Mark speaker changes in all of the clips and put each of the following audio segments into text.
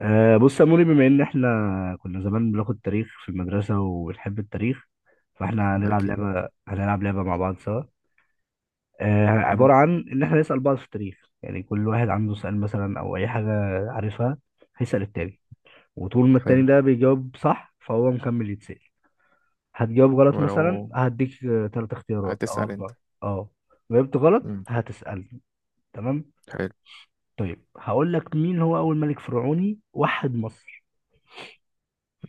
Speaker 1: بص يا موري، بما ان احنا كنا زمان بناخد تاريخ في المدرسه وبنحب التاريخ، فاحنا هنلعب
Speaker 2: أكيد.
Speaker 1: لعبه، هنلعب لعبه مع بعض سوا.
Speaker 2: مم.
Speaker 1: عباره عن ان احنا نسال بعض في التاريخ، يعني كل واحد عنده سؤال مثلا او اي حاجه عارفها، هيسال التاني، وطول ما
Speaker 2: حلو.
Speaker 1: التاني ده بيجاوب صح فهو مكمل يتسال. هتجاوب غلط مثلا
Speaker 2: ولو.
Speaker 1: هديك ثلاث اختيارات او
Speaker 2: هتسأل أنت؟
Speaker 1: اربعه. اه، جاوبت غلط
Speaker 2: مم.
Speaker 1: هتسالني. تمام.
Speaker 2: حلو.
Speaker 1: طيب، هقول لك مين هو اول ملك فرعوني وحد مصر.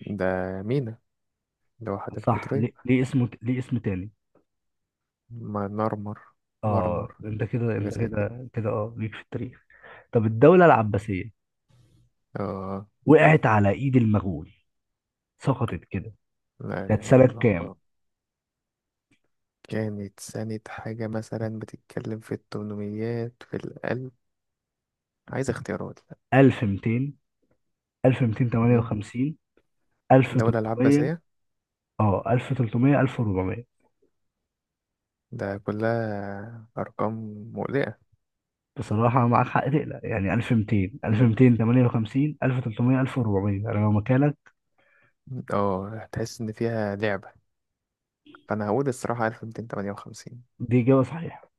Speaker 2: ده مينا، لوحة
Speaker 1: صح،
Speaker 2: القطرين.
Speaker 1: ليه اسمه، ليه اسم تاني؟
Speaker 2: ما نرمر، مرنر،
Speaker 1: اه، انت كده
Speaker 2: حاجة
Speaker 1: انت
Speaker 2: زي كده.
Speaker 1: كده كده اه، ليك في التاريخ. طب الدولة العباسية
Speaker 2: آه.
Speaker 1: وقعت على ايد المغول، سقطت كده.
Speaker 2: لا
Speaker 1: كانت
Speaker 2: إله إلا
Speaker 1: سنة
Speaker 2: الله
Speaker 1: كام؟
Speaker 2: آه. كانت سنة حاجة مثلا بتتكلم في التمنميات في القلب. عايز اختيارات؟ لا.
Speaker 1: 1200،
Speaker 2: مم.
Speaker 1: 1258،
Speaker 2: دولة
Speaker 1: 1300.
Speaker 2: العباسية.
Speaker 1: اه، 1300، 1400.
Speaker 2: ده كلها أرقام مقلقة.
Speaker 1: بصراحة معاك حق تقلق، يعني 1200،
Speaker 2: مم.
Speaker 1: 1258، 1300، 1400، انا لو مكانك.
Speaker 2: اه، هتحس إن فيها لعبة، فأنا هقول الصراحة 1258.
Speaker 1: دي إجابة صحيحة.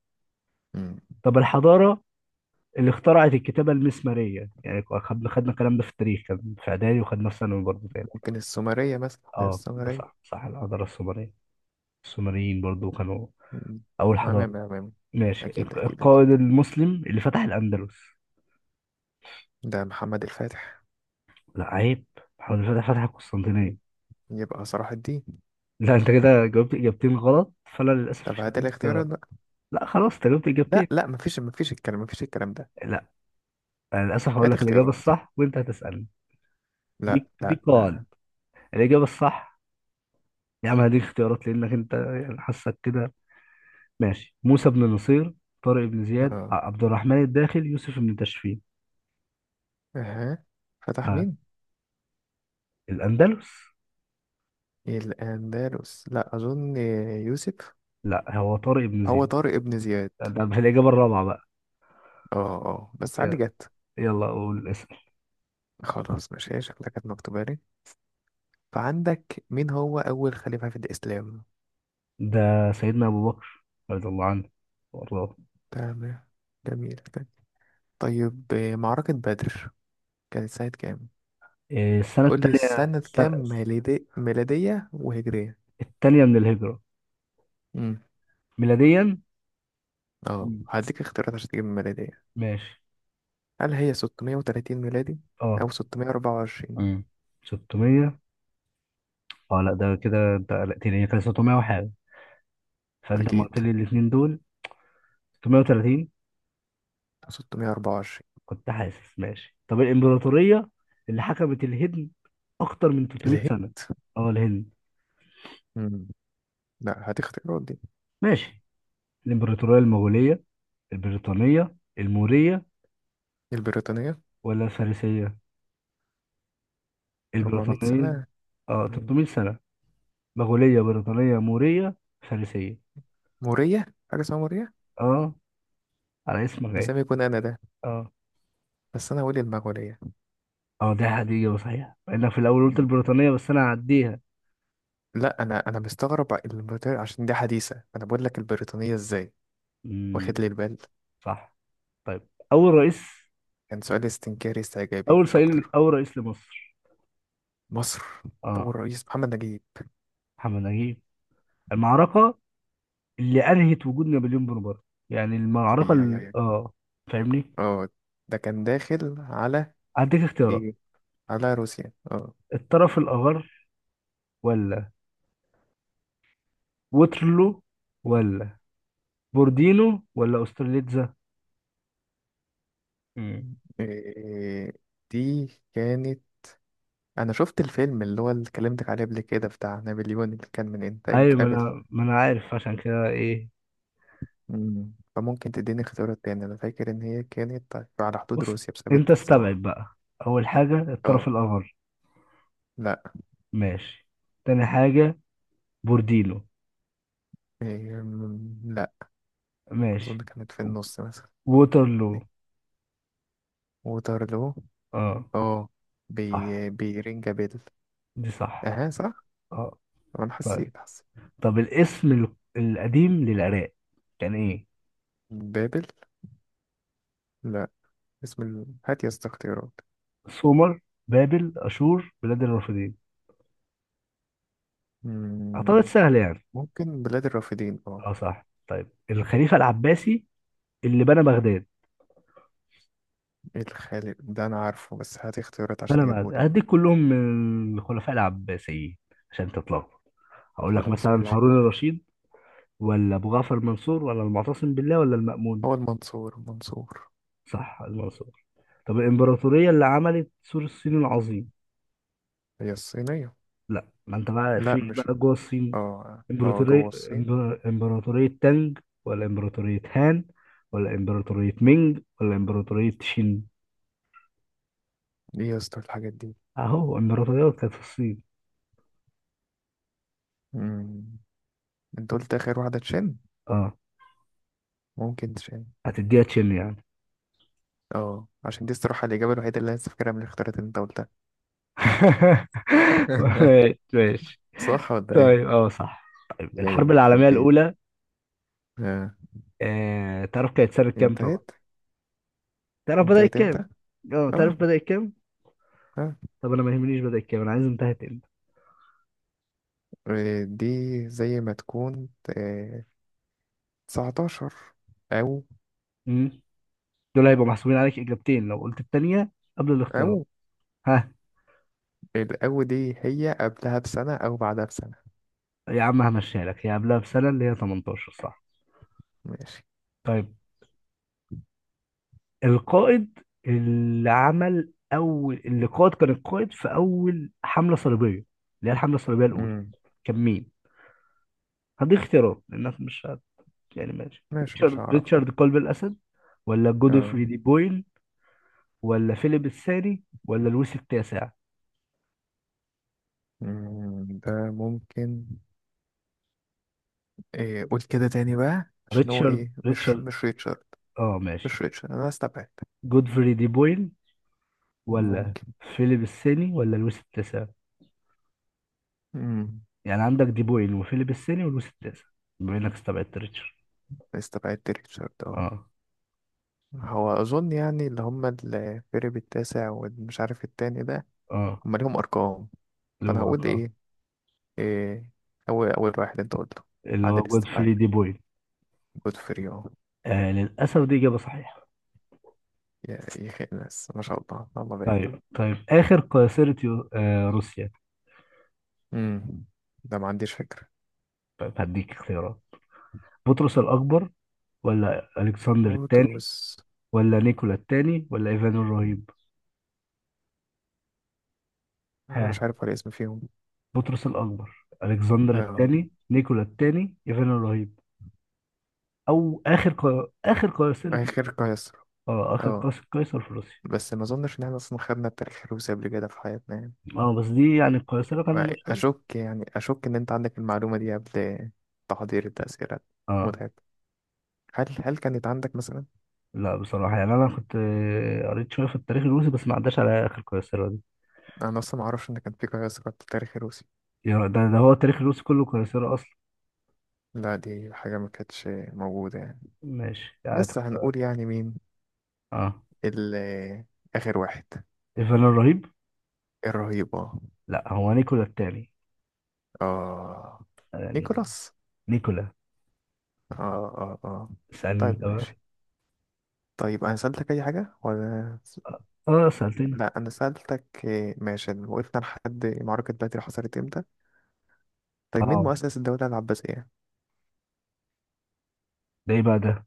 Speaker 2: مم.
Speaker 1: طب الحضارة اللي اخترعت الكتابة المسمارية، يعني خدنا الكلام ده في التاريخ كان في إعدادي وخدنا في ثانوي برضه تاني.
Speaker 2: ممكن السومرية مثلا، لا
Speaker 1: اه، ده صح.
Speaker 2: السومرية.
Speaker 1: الحضارة السومرية، السومريين برضو كانوا
Speaker 2: مم.
Speaker 1: أول حضارة.
Speaker 2: عمامة عمامة.
Speaker 1: ماشي،
Speaker 2: أكيد أكيد
Speaker 1: القائد
Speaker 2: أكيد.
Speaker 1: المسلم اللي فتح الأندلس.
Speaker 2: ده محمد الفاتح.
Speaker 1: لا عيب، محمد الفتح فتح القسطنطينية.
Speaker 2: يبقى صلاح الدين.
Speaker 1: لا، أنت كده جاوبت إجابتين غلط، فأنا للأسف
Speaker 2: طب
Speaker 1: مش
Speaker 2: هات
Speaker 1: هديك اختيارات.
Speaker 2: الاختيارات بقى.
Speaker 1: لا خلاص، أنت جاوبت
Speaker 2: لا
Speaker 1: إجابتين.
Speaker 2: لا، مفيش الكلام، ده.
Speaker 1: لا، أنا للأسف هقول
Speaker 2: هات
Speaker 1: لك الإجابة
Speaker 2: اختيارات.
Speaker 1: الصح وأنت هتسألني.
Speaker 2: لا
Speaker 1: دي
Speaker 2: لا لا.
Speaker 1: قواعد. الإجابة الصح. يا عم هديك اختيارات لأنك أنت يعني حاسك كده. ماشي، موسى بن نصير، طارق بن زياد،
Speaker 2: اه.
Speaker 1: عبد الرحمن الداخل، يوسف بن تاشفين.
Speaker 2: اها. فتح
Speaker 1: آه.
Speaker 2: مين؟
Speaker 1: الأندلس.
Speaker 2: الأندلس، لا أظن. يوسف.
Speaker 1: لا، هو طارق بن
Speaker 2: هو
Speaker 1: زياد.
Speaker 2: طارق ابن زياد.
Speaker 1: ده الإجابة الرابعة بقى.
Speaker 2: اه اه، بس علي
Speaker 1: يلا،
Speaker 2: جت.
Speaker 1: يلا أقول اسم.
Speaker 2: خلاص ماشي، هي شكلها كانت مكتوبة لي. فعندك، مين هو أول خليفة في الإسلام؟
Speaker 1: ده سيدنا أبو بكر رضي الله عنه وأرضاه.
Speaker 2: تمام. جميل. طيب، معركة بدر كانت سنة كام؟
Speaker 1: إيه، السنة
Speaker 2: قولي
Speaker 1: التانية
Speaker 2: سنة
Speaker 1: السنة
Speaker 2: كام ميلادية وهجرية.
Speaker 1: التانية من الهجرة،
Speaker 2: امم
Speaker 1: ميلاديا.
Speaker 2: اه
Speaker 1: مم.
Speaker 2: هديك اختيارات عشان تجيب الميلادية.
Speaker 1: ماشي.
Speaker 2: هل هي 630 ميلادي
Speaker 1: اه.
Speaker 2: أو 624؟
Speaker 1: مم. 600. اه لا، ده كده انت قلقتني، هي كانت 600 وحاجة، فأنت لما قلت
Speaker 2: أكيد
Speaker 1: لي الاتنين دول 630
Speaker 2: 624.
Speaker 1: كنت حاسس. ماشي، طب الإمبراطورية اللي حكمت الهند أكتر من 300
Speaker 2: ليه؟
Speaker 1: سنة. اه الهند.
Speaker 2: امم لا، هديك اختيارات دي.
Speaker 1: ماشي، الإمبراطورية المغولية، البريطانية، المورية،
Speaker 2: البريطانية.
Speaker 1: ولا الفارسية.
Speaker 2: 400
Speaker 1: البريطانية.
Speaker 2: سنة.
Speaker 1: اه،
Speaker 2: مم.
Speaker 1: 300 سنة. مغولية، بريطانية، مورية، فارسية.
Speaker 2: مورية، حاجة اسمها مورية؟
Speaker 1: اه، على اسمك
Speaker 2: ده زي
Speaker 1: ايه.
Speaker 2: ما يكون أنا ده.
Speaker 1: اه.
Speaker 2: بس أنا هقول المغولية.
Speaker 1: اه، دي هدية صحيح، مع انك في الاول قلت
Speaker 2: مم.
Speaker 1: البريطانية بس انا هعديها.
Speaker 2: لا، أنا مستغرب البريطانية عشان دي حديثة، أنا بقول لك البريطانية إزاي، واخد
Speaker 1: امم،
Speaker 2: لي البال.
Speaker 1: صح. طيب اول رئيس،
Speaker 2: كان سؤال استنكاري استعجابي مش أكتر.
Speaker 1: اول رئيس لمصر.
Speaker 2: مصر.
Speaker 1: اه،
Speaker 2: أول رئيس محمد نجيب.
Speaker 1: محمد نجيب. المعركة اللي انهت وجود نابليون بونابرت، يعني المعركة
Speaker 2: أي أي أي
Speaker 1: ال...
Speaker 2: أي.
Speaker 1: اه، فاهمني.
Speaker 2: أه، ده كان داخل على
Speaker 1: هديك اختيارات.
Speaker 2: إيه، على روسيا أه.
Speaker 1: الطرف الاخر، ولا ووترلو، ولا بوردينو، ولا استرليتزا.
Speaker 2: إيه دي كانت، أنا شفت الفيلم اللي هو اللي كلمتك عليه قبل كده بتاع نابليون، اللي كان من إنتاج
Speaker 1: ايوه، ما
Speaker 2: أبل.
Speaker 1: انا ما انا عارف عشان كده ايه.
Speaker 2: مم. فممكن تديني اختيارات تاني، أنا فاكر إن هي كانت على حدود
Speaker 1: بص،
Speaker 2: روسيا بسبب
Speaker 1: انت استبعد
Speaker 2: التسعة.
Speaker 1: بقى. اول حاجه الطرف
Speaker 2: أه.
Speaker 1: الاخر.
Speaker 2: لأ.
Speaker 1: ماشي. تاني حاجه بورديلو.
Speaker 2: إيه، لأ. أظن
Speaker 1: ماشي.
Speaker 2: كانت في النص مثلا.
Speaker 1: ووترلو.
Speaker 2: وترلو.
Speaker 1: اه
Speaker 2: اه.
Speaker 1: صح،
Speaker 2: بيرينجا بيل.
Speaker 1: دي صح.
Speaker 2: اها صح.
Speaker 1: اه.
Speaker 2: انا
Speaker 1: طيب،
Speaker 2: حسيت حسيت.
Speaker 1: طب الاسم القديم للعراق كان ايه؟
Speaker 2: بابل. لا. هات يا اسطى اختيارات.
Speaker 1: سومر، بابل، اشور، بلاد الرافدين. اعتقد
Speaker 2: مم،
Speaker 1: سهل يعني.
Speaker 2: ممكن بلاد الرافدين اه.
Speaker 1: اه صح. طيب الخليفه العباسي اللي بنى بغداد.
Speaker 2: الخالد ده انا عارفه، بس هات اختيارات عشان
Speaker 1: بنى بغداد
Speaker 2: اجيبه لك بقى.
Speaker 1: هديك كلهم من الخلفاء العباسيين عشان تطلعوا. هقول لك مثلا
Speaker 2: خلاص ماشي.
Speaker 1: هارون الرشيد، ولا ابو جعفر منصور، ولا المعتصم بالله، ولا المأمون.
Speaker 2: هو المنصور المنصور.
Speaker 1: صح، المنصور. طب الامبراطوريه اللي عملت سور الصين العظيم.
Speaker 2: هي الصينية.
Speaker 1: لا، ما انت بقى
Speaker 2: لا
Speaker 1: في
Speaker 2: مش.
Speaker 1: بقى جوه الصين.
Speaker 2: اه اه، جوه
Speaker 1: امبراطوريه
Speaker 2: الصين.
Speaker 1: امبراطوريه تانج، ولا امبراطوريه هان، ولا امبراطوريه مينج، ولا امبراطوريه شين.
Speaker 2: ايه يا اسطى الحاجات دي؟
Speaker 1: اهو امبراطوريات كانت في الصين.
Speaker 2: مم، انت قلت اخر واحدة تشين.
Speaker 1: اه،
Speaker 2: ممكن تشين.
Speaker 1: هتديها تشين يعني.
Speaker 2: اه، عشان دي الصراحة الإجابة الوحيدة اللي أنا فاكرها من الاختيارات اللي أنت قلتها.
Speaker 1: ماشي ماشي.
Speaker 2: صح ولا ايه؟
Speaker 1: طيب، اه صح. طيب
Speaker 2: يعني
Speaker 1: الحرب
Speaker 2: يخرب
Speaker 1: العالميه
Speaker 2: بيت.
Speaker 1: الاولى.
Speaker 2: آه.
Speaker 1: آه، تعرف كانت سنه كام؟
Speaker 2: انتهت.
Speaker 1: تعرف بدأت
Speaker 2: انتهت
Speaker 1: كام؟
Speaker 2: امتى؟
Speaker 1: اه، تعرف
Speaker 2: اه.
Speaker 1: بدأت كام؟
Speaker 2: اه.
Speaker 1: طب انا ما يهمنيش بدأت كام، انا عايز انتهت امتى.
Speaker 2: دي زي ما تكون آه. 19 او
Speaker 1: امم، دول هيبقوا محسوبين عليك اجابتين لو قلت التانية قبل الاختيارات.
Speaker 2: او
Speaker 1: ها.
Speaker 2: الاو، دي هي قبلها بسنة او بعدها بسنة.
Speaker 1: يا عم همشيها لك، هي قبلها بسنة، اللي هي 18، صح؟
Speaker 2: ماشي.
Speaker 1: طيب، القائد اللي عمل اول اللي قائد كان القائد في اول حملة صليبية، اللي هي الحملة الصليبية الاولى،
Speaker 2: امم
Speaker 1: كان مين؟ هديك اختيارات لانك مش هت... يعني ماشي،
Speaker 2: ماشي، مش هعرفها
Speaker 1: ريتشارد
Speaker 2: ده.
Speaker 1: قلب الاسد، ولا
Speaker 2: اه.
Speaker 1: جودفري دي بويل، ولا فيليب الثاني، ولا لويس التاسع.
Speaker 2: ده ممكن. إيه، قول كده تاني بقى عشان هو ايه، مش
Speaker 1: ريتشارد.
Speaker 2: مش ريتشارد.
Speaker 1: اه ماشي،
Speaker 2: مش ريتشارد، انا استبعدت.
Speaker 1: جودفري دي بوين، ولا
Speaker 2: ممكن.
Speaker 1: فيليب الثاني، ولا لويس التاسع.
Speaker 2: امم
Speaker 1: يعني عندك دي بوين وفيليب الثاني ولويس التاسع، بما انك استبعدت ريتشارد.
Speaker 2: استبعدت ريتشارد اهو.
Speaker 1: اه.
Speaker 2: هو أظن يعني اللي هم الفريق التاسع والمش عارف التاني ده،
Speaker 1: اه.
Speaker 2: هم ليهم أرقام.
Speaker 1: اللي
Speaker 2: فأنا
Speaker 1: هو
Speaker 2: هقول
Speaker 1: آه.
Speaker 2: إيه، إيه، أول واحد أنت قلته
Speaker 1: اللي
Speaker 2: بعد
Speaker 1: هو
Speaker 2: الاستبعاد.
Speaker 1: جودفري دي بوين.
Speaker 2: جود فور يو.
Speaker 1: آه للاسف، دي اجابه صحيحه.
Speaker 2: يا أخي، الناس ما شاء الله، الله
Speaker 1: طيب،
Speaker 2: بارك.
Speaker 1: طيب اخر قيصرة آه روسيا.
Speaker 2: امم ده ما عنديش فكرة.
Speaker 1: طيب هديك اختيارات. بطرس الاكبر، ولا الكسندر الثاني،
Speaker 2: موتروس.
Speaker 1: ولا نيكولا الثاني، ولا ايفان الرهيب.
Speaker 2: أنا
Speaker 1: ها،
Speaker 2: مش عارف ولا اسم فيهم.
Speaker 1: بطرس الاكبر، الكسندر
Speaker 2: اه.
Speaker 1: الثاني، نيكولا الثاني، ايفان الرهيب. او اخر اخر قيصرة روسيا.
Speaker 2: آخر قيصر.
Speaker 1: اه، اخر
Speaker 2: اه،
Speaker 1: قيصر، قيصر في روسيا.
Speaker 2: بس ما أظنش إن احنا أصلا خدنا التاريخ الروسي قبل كده في حياتنا يعني.
Speaker 1: اه، بس دي يعني القيصرة كان
Speaker 2: يعني
Speaker 1: مشهور.
Speaker 2: أشك يعني أشك إن أنت عندك المعلومة دي قبل تحضير التأثيرات.
Speaker 1: اه
Speaker 2: متعب. هل كانت عندك مثلا؟
Speaker 1: لا بصراحة يعني، انا كنت آه، قريت شوية في التاريخ الروسي بس ما عداش على اخر قيصرة دي.
Speaker 2: انا اصلا ما اعرفش ان كان في قياس قد التاريخ الروسي.
Speaker 1: يعني ده هو التاريخ الروسي كله قيصرة اصلا.
Speaker 2: لا، دي حاجه ما كانتش موجوده يعني.
Speaker 1: ماشي يعني
Speaker 2: بس هنقول يعني مين
Speaker 1: اه
Speaker 2: ال- اخر واحد.
Speaker 1: ايفان الرهيب.
Speaker 2: الرهيب اه.
Speaker 1: لا هو نيكولا التاني
Speaker 2: آه.
Speaker 1: يعني،
Speaker 2: نيكولاس.
Speaker 1: نيكولا.
Speaker 2: اه. اه اه.
Speaker 1: سألني انت
Speaker 2: طيب ماشي.
Speaker 1: بقى.
Speaker 2: طيب انا سألتك اي حاجه ولا؟
Speaker 1: اه سألتني.
Speaker 2: لا انا سألتك إيه، ماشي وقفنا لحد معركه بدر حصلت امتى. طيب مين
Speaker 1: اه،
Speaker 2: مؤسس الدوله العباسيه؟
Speaker 1: ده ايه بقى ده؟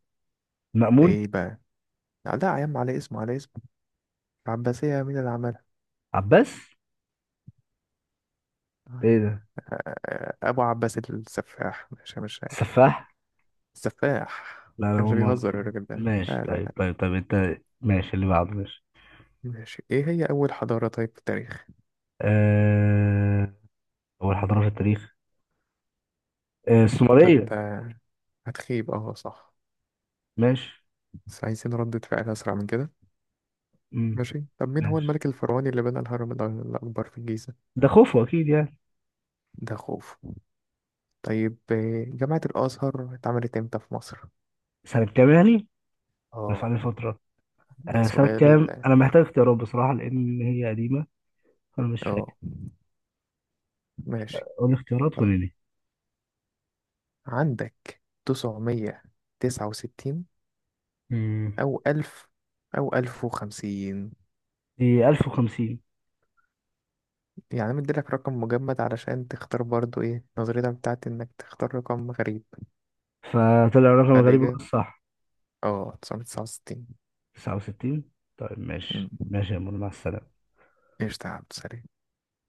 Speaker 1: مأمون.
Speaker 2: ايه بقى؟ لا يا عم، على اسمه على اسمه. العباسيه مين اللي
Speaker 1: عباس. ده
Speaker 2: عملها؟
Speaker 1: ايه ده؟
Speaker 2: ابو عباس السفاح، مش عارف.
Speaker 1: السفاح.
Speaker 2: السفاح.
Speaker 1: لا انا
Speaker 2: كانش
Speaker 1: اول مره
Speaker 2: بيهزر
Speaker 1: أسمع.
Speaker 2: الراجل ده،
Speaker 1: ماشي،
Speaker 2: لا لا
Speaker 1: طيب
Speaker 2: لا.
Speaker 1: طيب طيب انت ماشي، اللي بعده ماشي.
Speaker 2: ماشي، ايه هي اول حضارة طيب في التاريخ؟
Speaker 1: أه... اول حضاره في التاريخ. أه...
Speaker 2: لا
Speaker 1: السومريه.
Speaker 2: انت هتخيب. اه صح.
Speaker 1: ماشي.
Speaker 2: بس عايزين ردة فعل اسرع من كده.
Speaker 1: مم.
Speaker 2: ماشي. طب مين هو
Speaker 1: ماشي.
Speaker 2: الملك الفرعوني اللي بنى الهرم الاكبر في الجيزة؟
Speaker 1: ده خوفو اكيد يعني.
Speaker 2: ده خوف. طيب، جامعة الازهر اتعملت امتى في مصر؟
Speaker 1: سنه كام يعني؟ رفع
Speaker 2: اه
Speaker 1: لي فتره.
Speaker 2: ده
Speaker 1: أه... سنه
Speaker 2: سؤال.
Speaker 1: كام، انا محتاج اختيارات بصراحه لان هي قديمه، فانا مش فاكر.
Speaker 2: اه، ماشي.
Speaker 1: قول لي اختيارات وقول
Speaker 2: طيب
Speaker 1: لي.
Speaker 2: عندك 969،
Speaker 1: مم.
Speaker 2: او الف، او الف وخمسين.
Speaker 1: دي 1050.
Speaker 2: يعني مديلك رقم مجمد علشان تختار برضو، ايه نظريتك بتاعت انك تختار رقم غريب؟
Speaker 1: فطلع رقم غريب هو
Speaker 2: فالإجابة
Speaker 1: الصح.
Speaker 2: اه تسعمية تسعة وستين.
Speaker 1: 69. طيب ماشي ماشي يا مول، مع السلامه.
Speaker 2: قشطة يا عبد السلام.